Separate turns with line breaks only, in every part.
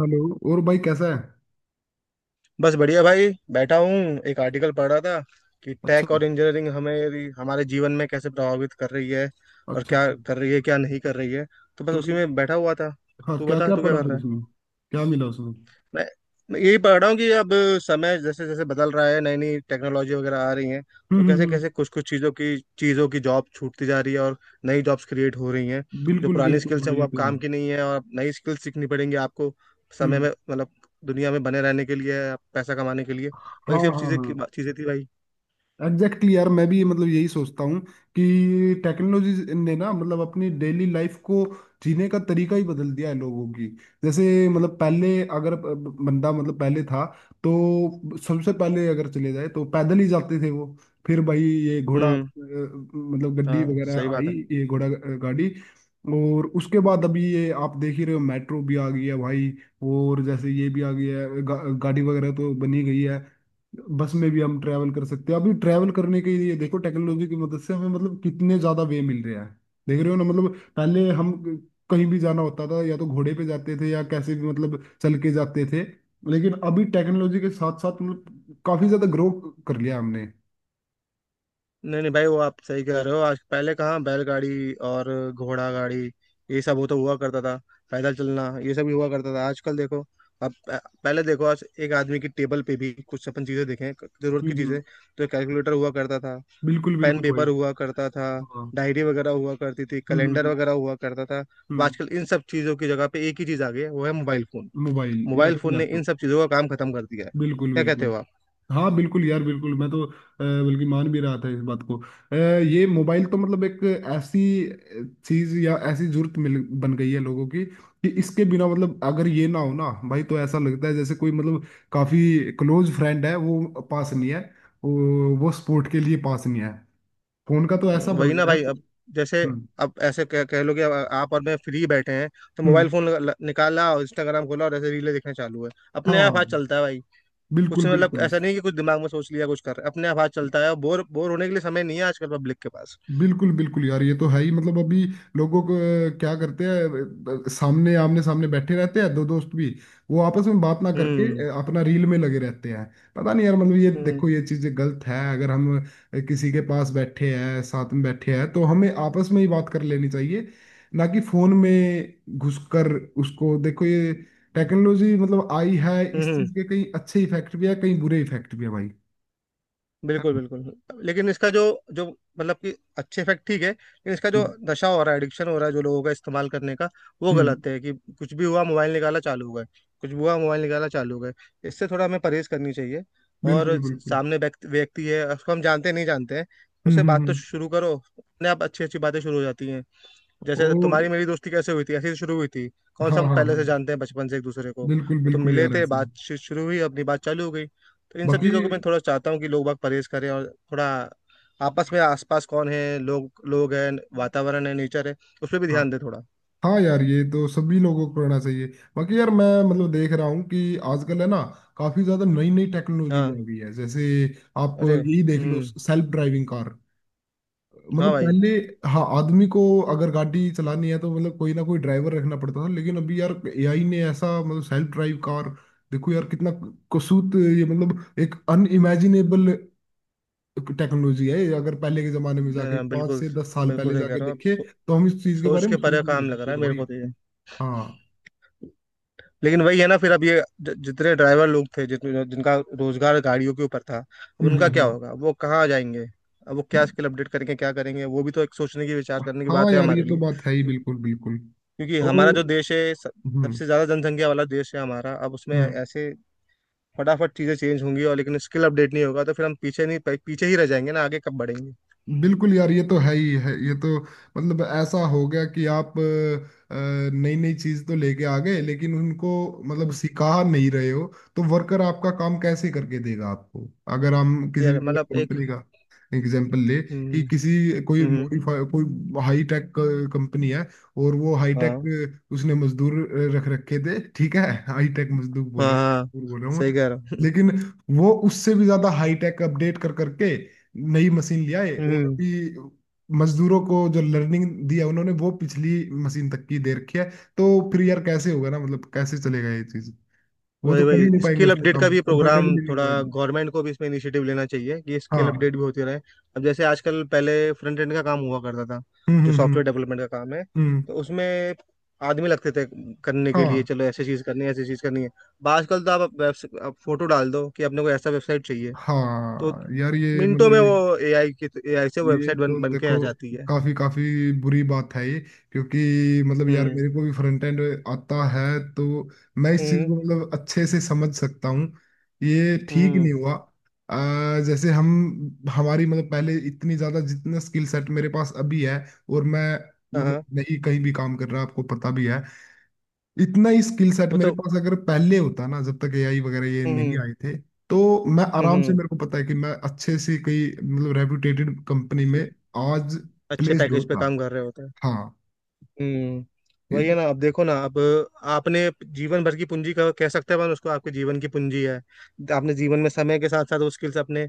Hello. और भाई, कैसा है?
बस बढ़िया भाई बैठा हूँ। एक आर्टिकल पढ़ रहा था कि टेक
अच्छा।
और इंजीनियरिंग हमें हमारे जीवन में कैसे प्रभावित कर रही है और
अच्छा
क्या
अच्छा।
कर रही है, क्या नहीं कर रही है। तो बस
तो
उसी
फिर।
में बैठा हुआ था।
हाँ,
तू
क्या
बता,
क्या
तू क्या
पढ़ा
कर
फिर
रहा है।
उसमें? क्या मिला उसमें?
मैं मैं यही पढ़ रहा हूँ कि अब समय जैसे जैसे बदल रहा है, नई नई टेक्नोलॉजी वगैरह आ रही है, तो कैसे
हम्म।
कैसे कुछ कुछ चीज़ों की जॉब छूटती जा रही है और नई जॉब्स क्रिएट हो रही हैं। जो
बिल्कुल
पुरानी
बिल्कुल
स्किल्स हैं
भाई,
वो
ये
अब
तो
काम
है।
की नहीं है और अब नई स्किल्स सीखनी पड़ेंगी आपको समय
हम्म।
में, मतलब दुनिया में बने रहने के लिए, पैसा कमाने के लिए। वही
हाँ हाँ
सब चीज़ें की
हाँ।
चीज़ें थी भाई।
एग्जैक्टली exactly यार, मैं भी मतलब यही सोचता हूँ कि टेक्नोलॉजी ने ना मतलब अपनी डेली लाइफ को जीने का तरीका ही बदल दिया है लोगों की। जैसे मतलब पहले अगर बंदा मतलब पहले था तो सबसे पहले अगर चले जाए तो पैदल ही जाते थे वो। फिर भाई ये घोड़ा
हम्म।
मतलब गड्डी
हाँ सही
वगैरह आई।
बात है।
ये घोड़ा गाड़ी। और उसके बाद अभी ये आप देख ही रहे हो, मेट्रो भी आ गई है भाई। और जैसे ये भी आ गई है गाड़ी वगैरह तो बनी गई है। बस में भी हम ट्रैवल कर सकते हैं। अभी ट्रैवल करने के लिए देखो, टेक्नोलॉजी की मदद से हमें मतलब कितने ज्यादा वे मिल रहे हैं। देख रहे हो ना? मतलब पहले हम कहीं भी जाना होता था या तो घोड़े पे जाते थे या कैसे भी मतलब चल के जाते थे। लेकिन अभी टेक्नोलॉजी के साथ साथ मतलब काफी ज्यादा ग्रो कर लिया हमने।
नहीं नहीं भाई, वो आप सही कह रहे हो। आज पहले कहाँ बैलगाड़ी और घोड़ा गाड़ी, ये सब वो तो हुआ करता था। पैदल चलना ये सब भी हुआ करता था। आजकल देखो, अब पहले देखो, आज एक आदमी की टेबल पे भी कुछ अपन चीजें देखें, जरूरत की
हम्म।
चीजें, तो कैलकुलेटर हुआ करता था,
बिल्कुल
पेन
बिल्कुल
पेपर
भाई।
हुआ करता था,
हाँ।
डायरी वगैरह हुआ करती थी, कैलेंडर
हम्म।
वगैरह हुआ करता था। अब
हम्म।
आजकल इन सब चीजों की जगह पे एक ही चीज आ गई है, वो है मोबाइल फोन।
मोबाइल या
मोबाइल
फिर
फोन ने इन
लैपटॉप।
सब चीजों का काम खत्म कर दिया है।
बिल्कुल
क्या कहते
बिल्कुल।
हो आप।
हाँ बिल्कुल यार बिल्कुल। मैं तो बल्कि मान भी रहा था इस बात को। ये मोबाइल तो मतलब एक ऐसी चीज या ऐसी जरूरत मिल बन गई है लोगों की कि इसके बिना मतलब अगर ये ना हो ना भाई तो ऐसा लगता है जैसे कोई मतलब काफी क्लोज फ्रेंड है, वो पास नहीं है। वो सपोर्ट के लिए पास नहीं है। फोन का तो ऐसा बन
वही ना
गया है।
भाई। अब जैसे
हम्म
अब ऐसे कह लो कि अब आप और मैं फ्री बैठे हैं, तो मोबाइल
हम्म।
फोन निकाला और इंस्टाग्राम खोला और ऐसे रीलें देखना चालू है। अपने आप हाथ
हाँ।
चलता है भाई। कुछ
बिल्कुल बिल्कुल।
मतलब ऐसा नहीं कि कुछ दिमाग में सोच लिया कुछ कर रहे, अपने आप हाथ चलता है और बोर बोर होने के लिए समय नहीं है आजकल पब्लिक के पास।
बिल्कुल बिल्कुल यार ये तो है ही। मतलब अभी लोगों को क्या करते हैं सामने आमने सामने बैठे रहते हैं दो दोस्त भी, वो आपस में बात ना करके
हम्म
अपना रील में लगे रहते हैं। पता नहीं यार मतलब, ये
हम्म
देखो, ये चीज़ गलत है। अगर हम किसी के पास बैठे हैं, साथ में बैठे हैं तो हमें आपस में ही बात कर लेनी चाहिए, ना कि फोन में घुसकर उसको देखो। ये टेक्नोलॉजी मतलब आई है,
हम्म
इस
हम्म।
चीज़ के कहीं अच्छे इफेक्ट भी है कहीं बुरे इफेक्ट भी है भाई। है
बिल्कुल
ना?
बिल्कुल, लेकिन इसका जो जो मतलब कि अच्छे इफेक्ट ठीक है, लेकिन इसका जो
हम्म
नशा हो रहा है, एडिक्शन हो रहा है जो लोगों का इस्तेमाल करने का, वो
हम्म।
गलत है। कि कुछ भी हुआ मोबाइल निकाला चालू हो गए, कुछ भी हुआ मोबाइल निकाला चालू हो गए। इससे थोड़ा हमें परहेज करनी चाहिए। और
बिल्कुल बिल्कुल।
सामने व्यक्ति व्यक्ति है, उसको हम जानते नहीं जानते हैं,
हम्म
उससे
हम्म
बात तो
हम्म।
शुरू करो, अपने आप अच्छी अच्छी बातें शुरू हो जाती हैं। जैसे
और।
तुम्हारी मेरी दोस्ती कैसे हुई थी, ऐसे ही शुरू हुई थी। कौन
हाँ
सा हम
हाँ
पहले से
हाँ।
जानते हैं बचपन से एक दूसरे को,
बिल्कुल
वो तो
बिल्कुल
मिले
यार,
थे,
ऐसे ही
बातचीत शुरू हुई, अपनी बात चालू हो गई। तो इन सब
बाकी।
चीज़ों को मैं थोड़ा चाहता हूँ कि लोग बाग परहेज करें और थोड़ा आपस में आसपास कौन है, लोग लोग हैं, वातावरण है, नेचर है, उस पर भी
हाँ
ध्यान दे थोड़ा।
हाँ यार, ये तो सभी लोगों को करना चाहिए। बाकी यार मैं मतलब देख रहा हूँ कि आजकल है ना, काफी ज्यादा नई नई टेक्नोलॉजी भी
हाँ।
आ गई है। जैसे आप
अरे
यही देख लो,
हम्म।
Self driving car.
हाँ
मतलब
भाई।
पहले। हाँ। आदमी को अगर गाड़ी चलानी है तो मतलब कोई ना कोई ड्राइवर रखना पड़ता था, लेकिन अभी यार एआई ने ऐसा मतलब सेल्फ ड्राइव कार। देखो यार कितना कसूत ये, मतलब एक अनइमेजिनेबल टेक्नोलॉजी है। अगर पहले के जमाने में
ना,
जाके
ना,
पांच
बिल्कुल,
से दस साल
बिल्कुल
पहले
सही कह
जाके
रहे हो आप।
देखे तो हम इस चीज के
सोच
बारे में
के
सोच
परे
भी नहीं
काम लग
सकते
रहा
थे
है मेरे
भाई।
को तो ये।
हाँ।
लेकिन वही है ना, फिर अब ये जितने ड्राइवर लोग थे, जितने जिनका रोजगार गाड़ियों के ऊपर था, अब
हम्म
उनका क्या
हम्म
होगा, वो कहाँ जाएंगे, अब वो क्या
हम्म।
स्किल अपडेट करके क्या करेंगे, वो भी तो एक सोचने की विचार करने की
हाँ
बात है
यार ये
हमारे
तो
लिए।
बात है ही। बिल्कुल बिल्कुल।
क्योंकि
ओ।
हमारा जो देश है
हम्म
सबसे ज्यादा जनसंख्या वाला देश है हमारा। अब उसमें
हम्म।
ऐसे फटाफट चीजें चेंज होंगी और, लेकिन स्किल अपडेट नहीं होगा तो फिर हम पीछे नहीं, पीछे ही रह जाएंगे ना, आगे कब बढ़ेंगे।
बिल्कुल यार ये तो है ही है ये तो। मतलब ऐसा हो गया कि आप नई नई चीज तो लेके आ गए लेकिन उनको मतलब
हम्म,
सिखा नहीं रहे हो। तो वर्कर आपका काम कैसे करके देगा आपको? अगर हम किसी
ये
भी मतलब
मतलब एक
कंपनी का एग्जाम्पल ले कि
हम्म हम्म
किसी कोई
हम्म,
मॉडिफाई कोई हाई टेक कंपनी है और वो हाई टेक
हाँ
उसने मजदूर रख रखे थे, ठीक है हाई टेक मजदूर, बोल
हाँ
रहा
हाँ,
मजदूर बोल रहा हूँ
सही
मैं।
कह रहा हूँ
लेकिन वो उससे भी ज्यादा हाई टेक अपडेट कर करके नई मशीन ले आए और
हम्म।
अभी मजदूरों को जो लर्निंग दिया उन्होंने वो पिछली मशीन तक की दे रखी है। तो फिर यार कैसे होगा ना, मतलब कैसे चलेगा ये चीज। वो
वही
तो कर ही नहीं
वही
पाएंगे,
स्किल
उसका
अपडेट का
काम
भी
कंफर्टेबल
प्रोग्राम
नहीं हो
थोड़ा
पाएंगे।
गवर्नमेंट को भी इसमें इनिशिएटिव लेना चाहिए कि स्किल
हाँ।
अपडेट भी होती रहे। अब जैसे आजकल पहले फ्रंट एंड का काम हुआ करता था, जो
हम्म।
सॉफ्टवेयर डेवलपमेंट का काम है
हम्म।
तो उसमें आदमी लगते थे करने के लिए।
हाँ
चलो ऐसी चीज़ करनी है, ऐसी चीज़ करनी है। अब आजकल तो आप वेब आप फोटो डाल दो कि अपने को ऐसा वेबसाइट चाहिए, तो
हाँ यार ये
मिनटों में
मतलब
वो एआई की एआई से
ये
वेबसाइट
तो
बन बन के
देखो
आ जाती है।
काफी काफी बुरी बात है ये। क्योंकि मतलब यार
हम्म
मेरे को भी फ्रंट एंड आता है, तो मैं इस चीज
हम्म
को मतलब अच्छे से समझ सकता हूँ। ये ठीक
हम्म।
नहीं हुआ। जैसे हम हमारी मतलब पहले इतनी ज्यादा जितना स्किल सेट मेरे पास अभी है और मैं
हाँ
मतलब
हाँ,
नहीं कहीं भी काम कर रहा, आपको पता भी है। इतना ही स्किल सेट
वो
मेरे
तो।
पास अगर पहले होता ना जब तक एआई वगैरह ये नहीं
हम्म
आए थे तो मैं
हम्म
आराम से,
हम्म,
मेरे को पता है कि मैं अच्छे से कई मतलब रेपुटेटेड कंपनी में आज
अच्छे
प्लेस्ड
पैकेज पे
होता।
काम कर रहे होते हैं।
हाँ।
हम्म।
ये-
वही है ना, अब देखो ना, अब आपने जीवन भर की पूंजी कह कह सकते हैं अपन उसको, आपके जीवन की पूंजी है, आपने जीवन में समय के साथ साथ वो स्किल्स अपने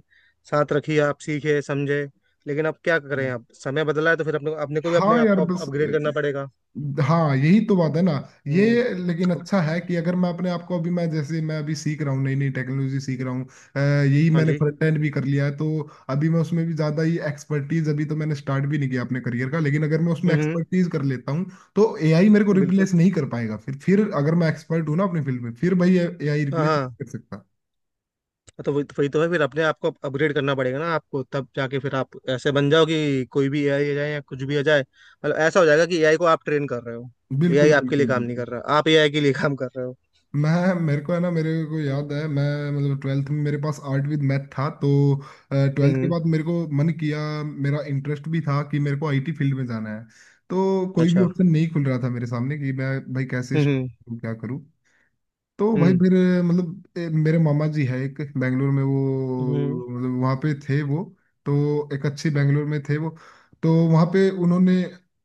साथ रखी, आप सीखे समझे। लेकिन अब क्या करें, अब समय बदला है तो फिर अपने अपने को भी, अपने
हाँ
आप
यार
को
बस।
अपग्रेड करना पड़ेगा।
हाँ यही तो बात है ना।
हम्म।
ये लेकिन
अब-
अच्छा है कि अगर मैं अपने आप को अभी मैं जैसे मैं अभी सीख रहा हूँ, नई नई टेक्नोलॉजी सीख रहा हूँ। यही
हाँ
मैंने
जी।
फ्रंट एंड भी कर लिया है, तो अभी मैं उसमें भी ज़्यादा ही एक्सपर्टीज, अभी तो मैंने स्टार्ट भी नहीं किया अपने करियर का, लेकिन अगर मैं उसमें
हम्म हम्म,
एक्सपर्टीज कर लेता हूँ तो एआई मेरे को
बिल्कुल,
रिप्लेस नहीं कर पाएगा। फिर अगर मैं एक्सपर्ट हूँ ना अपनी फील्ड में, फिर भाई एआई
हाँ
रिप्लेस
हाँ
नहीं कर सकता।
हाँ, तो वही तो है, फिर अपने आप को अपग्रेड करना पड़ेगा ना आपको। तब जाके फिर आप ऐसे बन जाओ कि कोई भी एआई आ जाए या कुछ भी आ जाए, मतलब ऐसा हो जाएगा कि एआई को आप ट्रेन कर रहे हो। एआई
बिल्कुल
आपके लिए
बिल्कुल
काम नहीं कर
बिल्कुल।
रहा, आप एआई के लिए काम कर रहे हो।
मैं मेरे को है ना, मेरे को याद
हम्म
है। मैं मतलब 12th में मेरे पास आर्ट विद मैथ था, तो 12th के
हम्म,
बाद मेरे को मन किया, मेरा इंटरेस्ट भी था कि मेरे को आईटी फील्ड में जाना है। तो कोई भी
अच्छा।
ऑप्शन नहीं खुल रहा था मेरे सामने कि मैं भाई कैसे
हम्म
start
हम्म
करूं, क्या करूं। तो भाई
हम्म
फिर मतलब मेरे मामा जी है एक बेंगलोर में,
हम्म,
वो मतलब वहाँ पे थे वो। तो एक अच्छी बेंगलोर में थे वो। तो वहाँ पे उन्होंने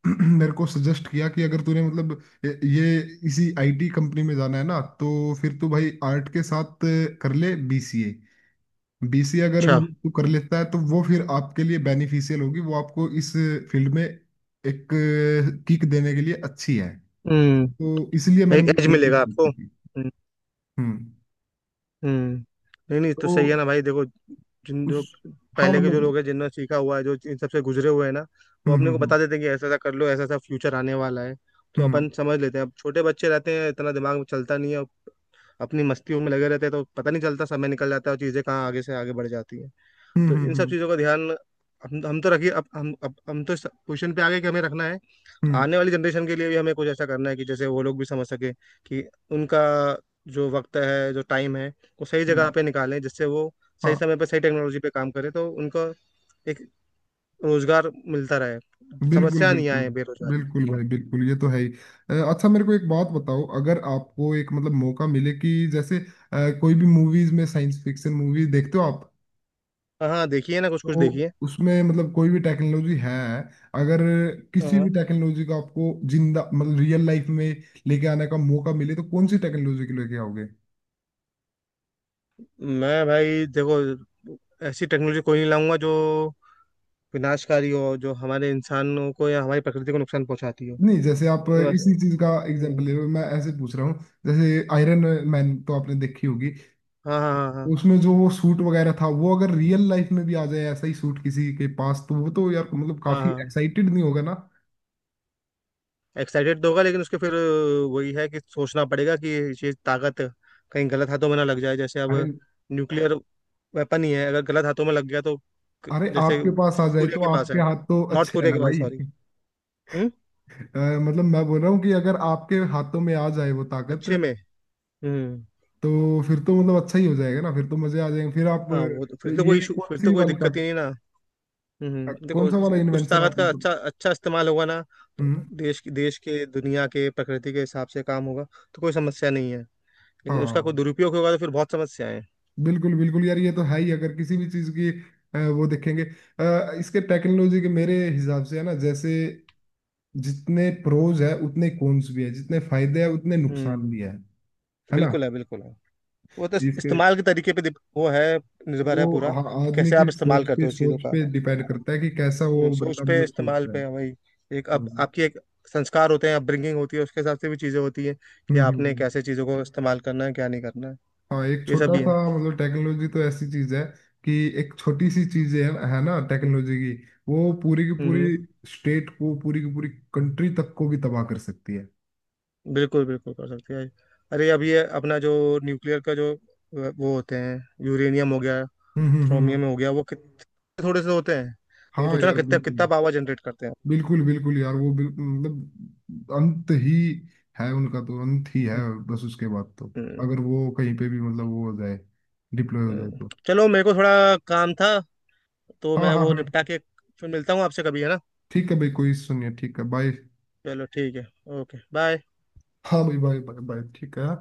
मेरे को सजेस्ट किया कि अगर तूने मतलब ये इसी आईटी कंपनी में जाना है ना तो फिर तू भाई आर्ट के साथ कर ले बीसीए। बीसीए अगर
अच्छा।
मतलब तू कर लेता है तो वो फिर आपके लिए बेनिफिशियल होगी, वो आपको इस फील्ड में एक किक देने के लिए अच्छी है।
हम्म।
तो इसलिए
एक
मैंने
एज
बीसीए
मिलेगा आपको।
की थी।
हम्म।
हम्म।
हम्म। नहीं नहीं तो सही है
तो
ना भाई। देखो, जिन
उस।
जो
हाँ
पहले के जो
मतलब।
लोग हैं, जिन्होंने सीखा हुआ है, जो इन सबसे गुजरे हुए हैं ना, वो
हम्म
अपने को
हम्म
बता देते हैं कि ऐसा ऐसा कर लो, ऐसा ऐसा फ्यूचर आने वाला है, तो
हम्म।
अपन समझ लेते हैं। अब छोटे बच्चे रहते हैं, इतना दिमाग में चलता नहीं है, अपनी मस्तियों में लगे रहते हैं, तो पता नहीं चलता, समय निकल जाता है और चीज़ें कहाँ आगे से आगे बढ़ जाती है। तो इन सब
हम्म।
चीज़ों का ध्यान हम तो रखिए। अब हम तो इस पोजिशन पे आ गए कि हमें रखना है।
हम्म।
आने वाली जनरेशन के लिए भी हमें कुछ ऐसा करना है कि जैसे वो लोग भी समझ सके कि उनका जो वक्त है, जो टाइम है, वो सही जगह
हम्म।
पे निकालें, जिससे वो सही
हाँ।
समय पे सही टेक्नोलॉजी पे काम करें तो उनको एक रोजगार मिलता रहे,
बिल्कुल
समस्या नहीं
बिल्कुल।
आए बेरोजगारी।
बिल्कुल भाई बिल्कुल, ये तो है ही। अच्छा मेरे को एक बात बताओ, अगर आपको एक मतलब मौका मिले कि जैसे कोई भी मूवीज में, साइंस फिक्शन मूवीज देखते हो आप,
हाँ हाँ, देखिए ना कुछ कुछ
तो
देखिए।
उसमें मतलब कोई भी टेक्नोलॉजी है, अगर किसी भी
हाँ।
टेक्नोलॉजी का आपको जिंदा मतलब रियल लाइफ में लेके आने का मौका मिले तो कौन सी टेक्नोलॉजी को लेके आओगे?
मैं भाई देखो, ऐसी टेक्नोलॉजी कोई नहीं लाऊंगा जो विनाशकारी हो, जो हमारे इंसानों को या हमारी प्रकृति को नुकसान पहुंचाती हो।
नहीं जैसे आप
बस-
इसी चीज का एग्जांपल
हम्म,
ले रहे हो, मैं ऐसे पूछ रहा हूँ, जैसे आयरन मैन तो आपने देखी होगी,
हाँ हाँ हाँ
उसमें जो वो सूट वगैरह था, वो अगर रियल लाइफ में भी आ जाए, ऐसा ही सूट किसी के पास, तो वो तो यार मतलब
हाँ
काफी
हाँ।
एक्साइटेड नहीं होगा ना?
एक्साइटेड तो होगा, लेकिन उसके फिर वही है कि सोचना पड़ेगा कि ये ताकत कहीं गलत हाथों में ना लग जाए। जैसे अब
अरे
न्यूक्लियर वेपन ही है, अगर गलत हाथों में लग गया तो।
अरे
जैसे
आपके पास आ
साउथ
जाए
कोरिया
तो
के पास
आपके
है,
हाथ तो
नॉर्थ
अच्छे है
कोरिया
ना
के पास,
भाई
सॉरी। हम्म।
अ, मतलब मैं बोल रहा हूँ कि अगर आपके हाथों में आ जाए वो ताकत,
अच्छे में। हम्म।
तो फिर तो मतलब अच्छा ही हो जाएगा ना, फिर तो मजे आ जाएंगे। फिर आप
हाँ वो तो फिर तो
ये
कोई इशू,
कौन
फिर तो
सी
कोई
वाली
दिक्कत ही
ताकत
नहीं ना। हम्म। देखो
कौन सा वाला
उस
इन्वेंशन
ताकत
आप
का
मतलब।
अच्छा अच्छा इस्तेमाल होगा ना, तो
हम्म।
देश की, देश के, दुनिया के, प्रकृति के हिसाब से काम होगा तो कोई समस्या नहीं है। लेकिन उसका कोई
हाँ
दुरुपयोग होगा तो फिर बहुत समस्याएं हैं।
बिल्कुल बिल्कुल यार, ये तो है ही। अगर किसी भी चीज की वो देखेंगे इसके टेक्नोलॉजी के मेरे हिसाब से है ना, जैसे जितने प्रोज है उतने कॉन्स भी है, जितने फायदे हैं उतने नुकसान
हम्म।
भी है। है ना?
बिल्कुल है, बिल्कुल है। वो तो
इसके
इस्तेमाल के तरीके पे वो है, निर्भर
वो
है पूरा
आ-
कि
आदमी
कैसे
की
आप इस्तेमाल करते हो उस चीज़ों
सोच
का।
पे डिपेंड करता है कि कैसा वो
सोच
बंदा
पे,
मतलब
इस्तेमाल
सोचता है।
पे, वही। एक अब
हम्म
आपकी एक संस्कार होते हैं, अपब्रिंगिंग होती है, उसके हिसाब से भी चीज़ें होती है कि
हम्म। हम्म।
आपने
हम्म।
कैसे चीज़ों को इस्तेमाल करना है, क्या नहीं करना है।
हाँ एक
ये सब
छोटा
भी है।
सा मतलब टेक्नोलॉजी तो ऐसी चीज है कि एक छोटी सी चीज है ना टेक्नोलॉजी की, वो पूरी की
हम्म।
पूरी स्टेट को पूरी की पूरी कंट्री तक को भी तबाह कर सकती है।
बिल्कुल बिल्कुल कर सकते हैं। अरे अब ये अपना जो न्यूक्लियर का जो वो होते हैं, यूरेनियम हो गया,
हम्म।
थ्रोमियम हो गया, वो कितने थोड़े से होते हैं, लेकिन
हाँ
सोचो ना
यार
कितना कितना
बिल्कुल।
पावर जनरेट करते हैं।
बिल्कुल बिल्कुल यार वो मतलब अंत ही है उनका, तो अंत ही है बस उसके बाद तो।
हम्म,
अगर वो कहीं पे भी मतलब वो हो जाए, डिप्लॉय हो जाए
हम्म।
तो।
चलो मेरे को थोड़ा काम था, तो
हाँ
मैं
हाँ
वो निपटा
हाँ।
के फिर मिलता हूँ आपसे कभी, है ना।
ठीक है भाई, कोई सुनिए ठीक है बाय।
चलो ठीक है, ओके बाय।
हाँ भाई, बाय बाय बाय ठीक है।